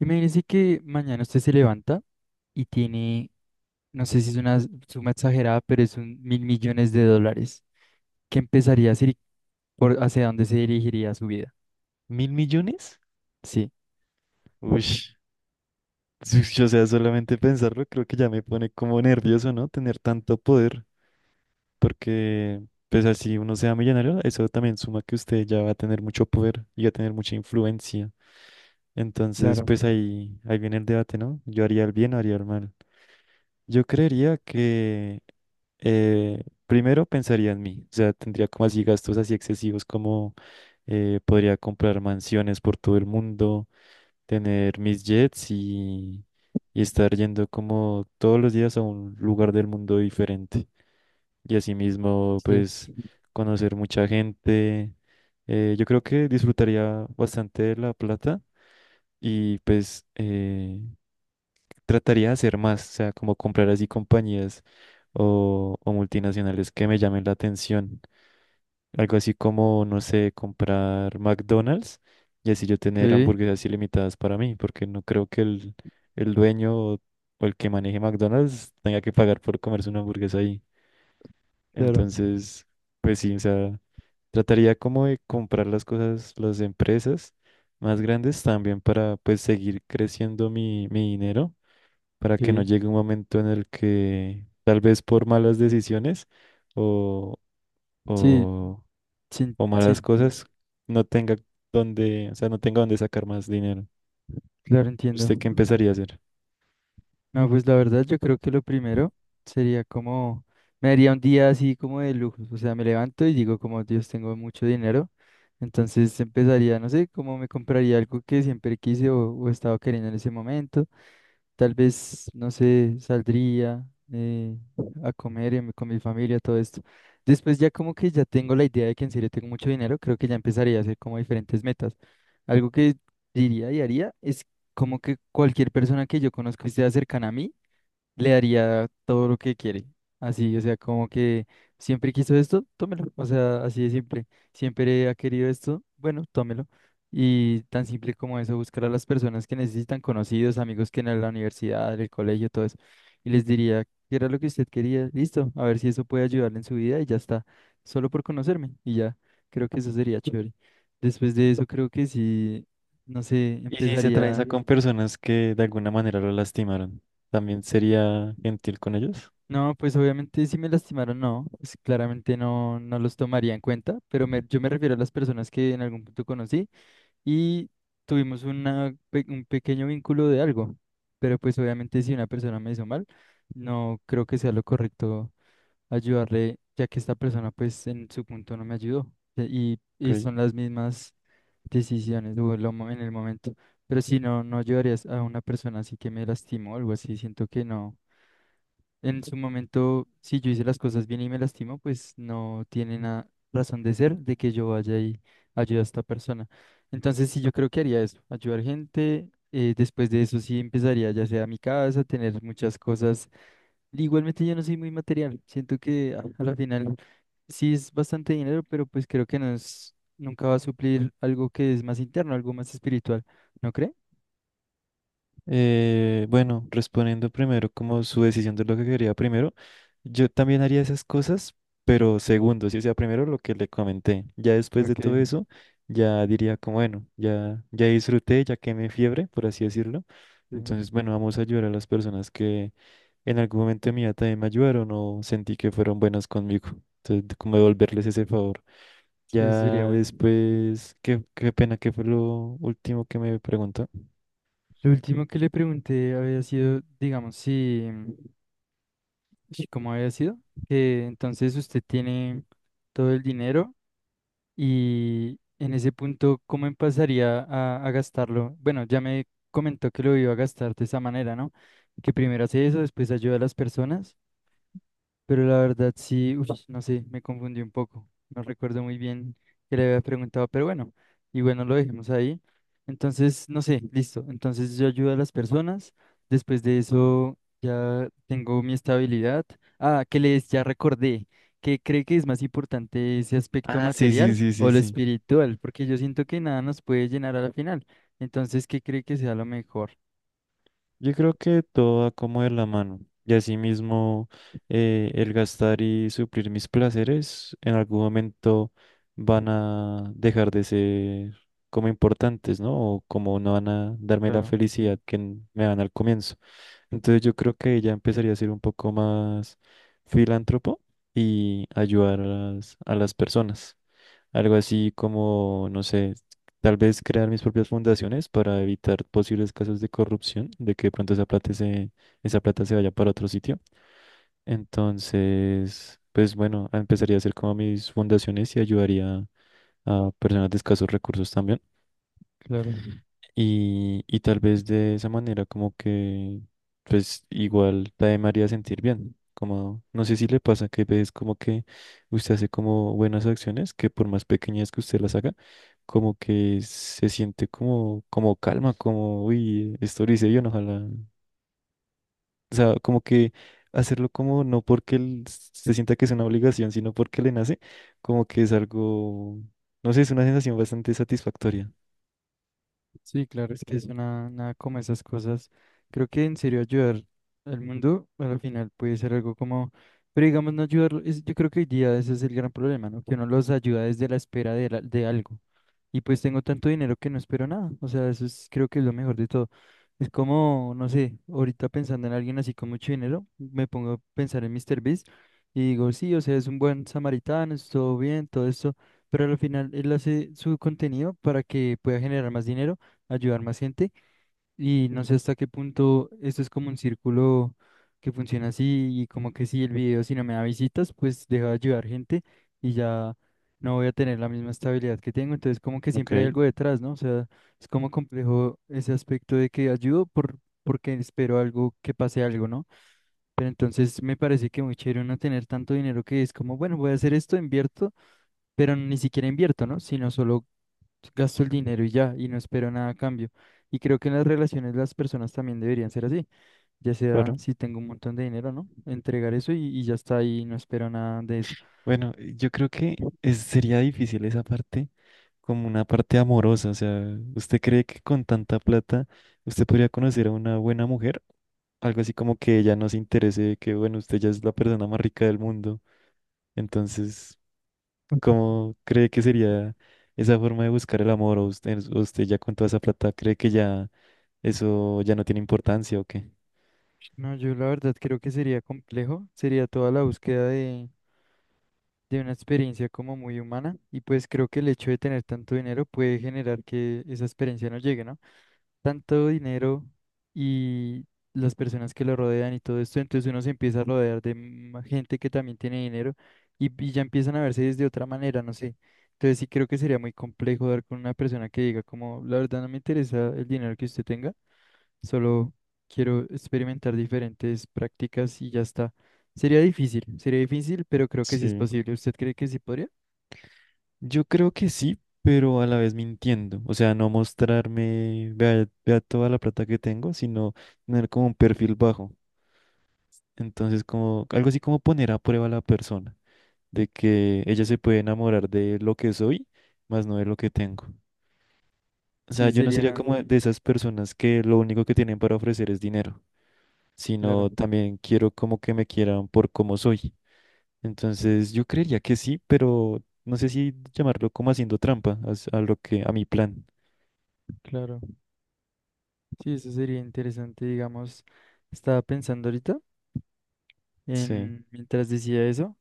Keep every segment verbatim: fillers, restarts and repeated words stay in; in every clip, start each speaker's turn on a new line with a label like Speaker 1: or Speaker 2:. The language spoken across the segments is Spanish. Speaker 1: Imagínese que mañana usted se levanta y tiene, no sé si es una suma exagerada, pero es un mil millones de dólares. ¿Qué empezaría a hacer y por hacia dónde se dirigiría su vida?
Speaker 2: ¿Mil millones?
Speaker 1: Sí.
Speaker 2: Uy, o sea, solamente pensarlo creo que ya me pone como nervioso, ¿no? Tener tanto poder, porque pues así uno sea millonario, eso también suma que usted ya va a tener mucho poder y va a tener mucha influencia. Entonces,
Speaker 1: Claro.
Speaker 2: pues ahí, ahí viene el debate, ¿no? ¿Yo haría el bien o haría el mal? Yo creería que eh, primero pensaría en mí, o sea, tendría como así gastos así excesivos como eh, podría comprar mansiones por todo el mundo, tener mis jets y, y estar yendo como todos los días a un lugar del mundo diferente. Y asimismo,
Speaker 1: Jets.
Speaker 2: pues conocer mucha gente. Eh, yo creo que disfrutaría bastante de la plata y pues eh, trataría de hacer más, o sea, como comprar así compañías o, o multinacionales que me llamen la atención. Algo así como, no sé, comprar McDonald's y así yo tener
Speaker 1: Ok,
Speaker 2: hamburguesas ilimitadas para mí, porque no creo que el, el dueño o, o el que maneje McDonald's tenga que pagar por comerse una hamburguesa ahí.
Speaker 1: claro.
Speaker 2: Entonces, pues sí, o sea, trataría como de comprar las cosas, las empresas más grandes también para pues seguir creciendo mi, mi dinero, para que no
Speaker 1: Ok.
Speaker 2: llegue un momento en el que tal vez por malas decisiones o...
Speaker 1: Sí,
Speaker 2: o
Speaker 1: sí,
Speaker 2: o
Speaker 1: sí,
Speaker 2: malas cosas, no tenga donde, o sea, no tenga donde sacar más dinero.
Speaker 1: claro, entiendo.
Speaker 2: ¿Usted qué empezaría a hacer?
Speaker 1: No, pues la verdad yo creo que lo primero sería como, me daría un día así como de lujos, o sea, me levanto y digo como Dios, tengo mucho dinero, entonces empezaría, no sé, como me compraría algo que siempre quise o, o estaba queriendo en ese momento, tal vez, no sé, saldría eh, a comer y me- con mi familia, todo esto. Después ya como que ya tengo la idea de que en serio tengo mucho dinero, creo que ya empezaría a hacer como diferentes metas. Algo que diría y haría es como que cualquier persona que yo conozco y sea cercana a mí, le daría todo lo que quiere. Así, o sea, como que siempre quiso esto, tómelo. O sea, así de simple. Siempre ha querido esto, bueno, tómelo. Y tan simple como eso, buscar a las personas que necesitan, conocidos, amigos que en la universidad, en el colegio, todo eso. Y les diría, ¿qué era lo que usted quería? Listo, a ver si eso puede ayudarle en su vida y ya está. Solo por conocerme y ya. Creo que eso sería chévere. Después de eso, creo que sí, no sé,
Speaker 2: Y si se atraviesa
Speaker 1: empezaría.
Speaker 2: con personas que de alguna manera lo lastimaron, ¿también sería gentil con ellos?
Speaker 1: No, pues obviamente si me lastimaron, no, pues claramente no, no los tomaría en cuenta, pero me- yo me refiero a las personas que en algún punto conocí y tuvimos una, pe- un pequeño vínculo de algo, pero pues obviamente si una persona me hizo mal, no creo que sea lo correcto ayudarle, ya que esta persona pues en su punto no me ayudó e- y, y
Speaker 2: Ok.
Speaker 1: son las mismas decisiones o lo mo- en el momento, pero si no, no ayudarías a una persona así que me lastimó o algo así, siento que no. En su momento, si yo hice las cosas bien y me lastimo, pues no tiene nada razón de ser de que yo vaya y ayude a esta persona. Entonces, sí, yo creo que haría eso, ayudar gente. Eh, después de eso, sí empezaría ya sea a mi casa, tener muchas cosas. Igualmente, yo no soy muy material. Siento que a, a la final sí es bastante dinero, pero pues creo que no es, nunca va a suplir algo que es más interno, algo más espiritual. ¿No cree?
Speaker 2: Eh, bueno, respondiendo primero como su decisión de lo que quería primero, yo también haría esas cosas, pero segundo, si sea primero lo que le comenté, ya después de todo
Speaker 1: Ok,
Speaker 2: eso, ya diría como, bueno, ya, ya disfruté, ya quemé fiebre, por así decirlo.
Speaker 1: sí,
Speaker 2: Entonces, bueno, vamos a ayudar a las personas que en algún momento de mi vida también me ayudaron o sentí que fueron buenas conmigo. Entonces, de como devolverles ese favor.
Speaker 1: sí, eso sería
Speaker 2: Ya
Speaker 1: bueno.
Speaker 2: después, qué, qué pena que fue lo último que me preguntó.
Speaker 1: Lo último que le pregunté había sido, digamos, si, si cómo había sido, que entonces usted tiene todo el dinero y en ese punto, ¿cómo empezaría a, a gastarlo? Bueno, ya me comentó que lo iba a gastar de esa manera, ¿no? Que primero hace eso, después ayuda a las personas. Pero la verdad sí, uy, no sé, me confundí un poco. No recuerdo muy bien que le había preguntado, pero bueno, y bueno, lo dejemos ahí. Entonces, no sé, listo. Entonces yo ayudo a las personas. Después de eso ya tengo mi estabilidad. Ah, que les ya recordé. ¿Qué cree que es más importante ese aspecto
Speaker 2: Ah, sí, sí,
Speaker 1: material
Speaker 2: sí,
Speaker 1: o
Speaker 2: sí,
Speaker 1: lo
Speaker 2: sí.
Speaker 1: espiritual? Porque yo siento que nada nos puede llenar a la final. Entonces, ¿qué cree que sea lo mejor?
Speaker 2: Yo creo que todo va como de la mano. Y asimismo eh, el gastar y suplir mis placeres en algún momento van a dejar de ser como importantes, ¿no? O como no van a darme la
Speaker 1: Claro,
Speaker 2: felicidad que me dan al comienzo. Entonces yo creo que ella empezaría a ser un poco más filántropo y ayudar a las, a las personas. Algo así como, no sé, tal vez crear mis propias fundaciones para evitar posibles casos de corrupción, de que de pronto esa plata se, esa plata se vaya para otro sitio. Entonces, pues bueno, empezaría a hacer como mis fundaciones y ayudaría a personas de escasos recursos también.
Speaker 1: claro.
Speaker 2: Y, y tal vez de esa manera como que, pues igual también me haría sentir bien. Como, no sé si le pasa que ves como que usted hace como buenas acciones, que por más pequeñas que usted las haga, como que se siente como, como calma, como, uy, esto lo hice bien, ojalá. O sea, como que hacerlo como no porque él se sienta que es una obligación, sino porque le nace, como que es algo, no sé, es una sensación bastante satisfactoria.
Speaker 1: Sí, claro, es que es una, nada como esas cosas. Creo que en serio ayudar al mundo pues, al final puede ser algo como, pero digamos no ayudarlo, es- yo creo que hoy día ese es el gran problema, ¿no? Que uno los ayuda desde la espera de, la- de algo. Y pues tengo tanto dinero que no espero nada. O sea, eso es, creo que es lo mejor de todo. Es como, no sé, ahorita pensando en alguien así con mucho dinero, me pongo a pensar en míster Beast y digo, sí, o sea, es un buen samaritano, es todo bien, todo esto, pero al final él hace su contenido para que pueda generar más dinero ayudar más gente y no sé hasta qué punto esto es como un círculo que funciona así y como que si el video si no me da visitas, pues deja de ayudar gente y ya no voy a tener la misma estabilidad que tengo, entonces como que
Speaker 2: Ok,
Speaker 1: siempre hay algo detrás, ¿no? O sea, es como complejo ese aspecto de que ayudo por porque espero algo que pase algo, ¿no? Pero entonces me parece que muy chévere no tener tanto dinero que es como, bueno, voy a hacer esto, invierto, pero ni siquiera invierto, ¿no? Sino solo gasto el dinero y ya, y no espero nada a cambio. Y creo que en las relaciones las personas también deberían ser así, ya sea
Speaker 2: claro.
Speaker 1: si tengo un montón de dinero, ¿no? Entregar eso y, y ya está ahí, no espero nada de eso.
Speaker 2: Bueno, eh, yo creo que es- sería difícil esa parte como una parte amorosa. O sea, ¿usted cree que con tanta plata usted podría conocer a una buena mujer? Algo así como que ella no se interese, que bueno, usted ya es la persona más rica del mundo. Entonces, ¿cómo cree que sería esa forma de buscar el amor? ¿O usted, usted ya con toda esa plata cree que ya eso ya no tiene importancia o qué?
Speaker 1: No, yo la verdad creo que sería complejo, sería toda la búsqueda de, de una experiencia como muy humana y pues creo que el hecho de tener tanto dinero puede generar que esa experiencia no llegue, ¿no? Tanto dinero y las personas que lo rodean y todo esto, entonces uno se empieza a rodear de ma- gente que también tiene dinero y, y ya empiezan a verse desde otra manera, no sé. Entonces sí creo que sería muy complejo dar con una persona que diga como, la verdad no me interesa el dinero que usted tenga. Solo quiero experimentar diferentes prácticas y ya está. Sería difícil, sería difícil, pero creo que sí es
Speaker 2: Sí.
Speaker 1: posible. ¿Usted cree que sí podría?
Speaker 2: Yo creo que sí, pero a la vez mintiendo. O sea, no mostrarme, vea, vea toda la plata que tengo, sino tener como un perfil bajo. Entonces, como algo así como poner a prueba a la persona, de que ella se puede enamorar de lo que soy, más no de lo que tengo. O sea,
Speaker 1: Sí,
Speaker 2: yo no sería
Speaker 1: sería,
Speaker 2: como de esas personas que lo único que tienen para ofrecer es dinero,
Speaker 1: claro,
Speaker 2: sino también quiero como que me quieran por cómo soy. Entonces, yo creería que sí, pero no sé si llamarlo como haciendo trampa as- a lo que a mi plan.
Speaker 1: claro. Sí, eso sería interesante, digamos. Estaba pensando ahorita
Speaker 2: Sí.
Speaker 1: en, mientras decía eso.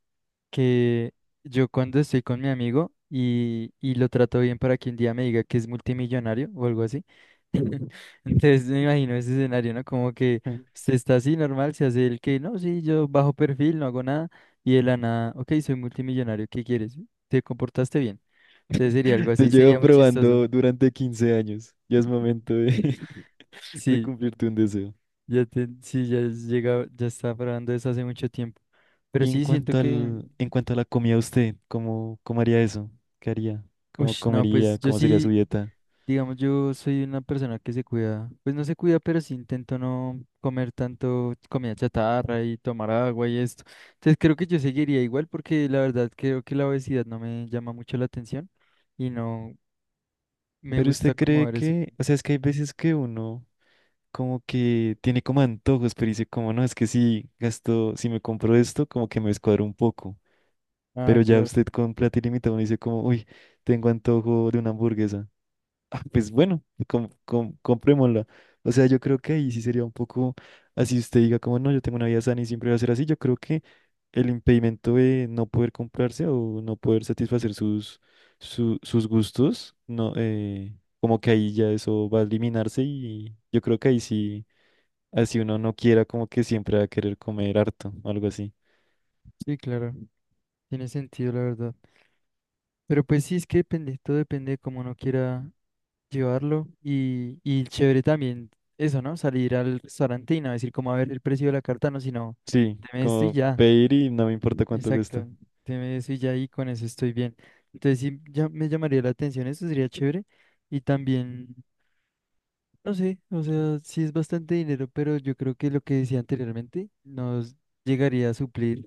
Speaker 1: Que yo cuando estoy con mi amigo y, y lo trato bien para que un día me diga que es multimillonario o algo así. Entonces me imagino ese escenario, ¿no? Como que usted está así normal, se hace el que, no, sí, yo bajo perfil, no hago nada, y de la nada, ok, soy multimillonario, ¿qué quieres? ¿Te comportaste bien? Entonces sería algo
Speaker 2: Te
Speaker 1: así, sería
Speaker 2: llevo
Speaker 1: muy chistoso.
Speaker 2: probando durante quince años. Ya es momento de, de
Speaker 1: Sí,
Speaker 2: cumplirte un deseo.
Speaker 1: ya te, sí, ya es llegado, ya estaba probando eso hace mucho tiempo. Pero
Speaker 2: Y en
Speaker 1: sí siento
Speaker 2: cuanto
Speaker 1: que,
Speaker 2: al, en cuanto a la comida, usted, ¿cómo, cómo haría eso? ¿Qué haría? ¿Cómo
Speaker 1: uff, no, pues
Speaker 2: comería?
Speaker 1: yo
Speaker 2: ¿Cómo sería su
Speaker 1: sí.
Speaker 2: dieta?
Speaker 1: Digamos, yo soy una persona que se cuida, pues no se cuida, pero sí intento no comer tanto comida chatarra y tomar agua y esto. Entonces creo que yo seguiría igual porque la verdad creo que la obesidad no me llama mucho la atención y no me
Speaker 2: Pero
Speaker 1: gusta
Speaker 2: usted
Speaker 1: como
Speaker 2: cree
Speaker 1: ver eso.
Speaker 2: que, o sea, es que hay veces que uno como que tiene como antojos, pero dice como, no, es que si gasto, si me compro esto, como que me descuadro un poco.
Speaker 1: Ah,
Speaker 2: Pero ya
Speaker 1: claro,
Speaker 2: usted con plata ilimitada uno dice como, uy, tengo antojo de una hamburguesa. Ah, pues bueno, com- com- comprémosla. O sea, yo creo que ahí sí sería un poco así usted diga como no, yo tengo una vida sana y siempre va a ser así. Yo creo que el impedimento de no poder comprarse o no poder satisfacer sus, su- sus gustos, no, eh, como que ahí ya eso va a eliminarse y yo creo que ahí sí, así uno no quiera como que siempre va a querer comer harto o algo así.
Speaker 1: sí, claro, tiene sentido la verdad. Pero pues sí, es que depende, todo depende de cómo uno quiera llevarlo y, y chévere también eso, ¿no? Salir al restaurante y no decir cómo a ver el precio de la carta, no, sino
Speaker 2: Sí,
Speaker 1: deme esto y
Speaker 2: como
Speaker 1: ya.
Speaker 2: pedir y no me importa cuánto cuesta.
Speaker 1: Exacto, tiene eso y ya ahí con eso estoy bien. Entonces sí ya me llamaría la atención, eso sería chévere. Y también, no sé, o sea, sí es bastante dinero, pero yo creo que lo que decía anteriormente nos llegaría a suplir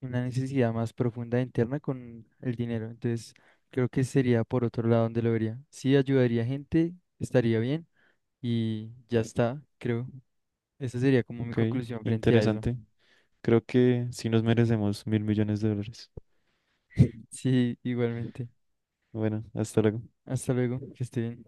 Speaker 1: una necesidad más profunda interna con el dinero. Entonces creo que sería por otro lado donde lo vería. Sí ayudaría a gente, estaría bien y ya está, creo. Esa sería como mi
Speaker 2: Ok,
Speaker 1: conclusión frente a eso.
Speaker 2: interesante. Creo que sí nos merecemos mil millones de dólares.
Speaker 1: Sí, igualmente.
Speaker 2: Bueno, hasta luego.
Speaker 1: Hasta luego, que esté bien.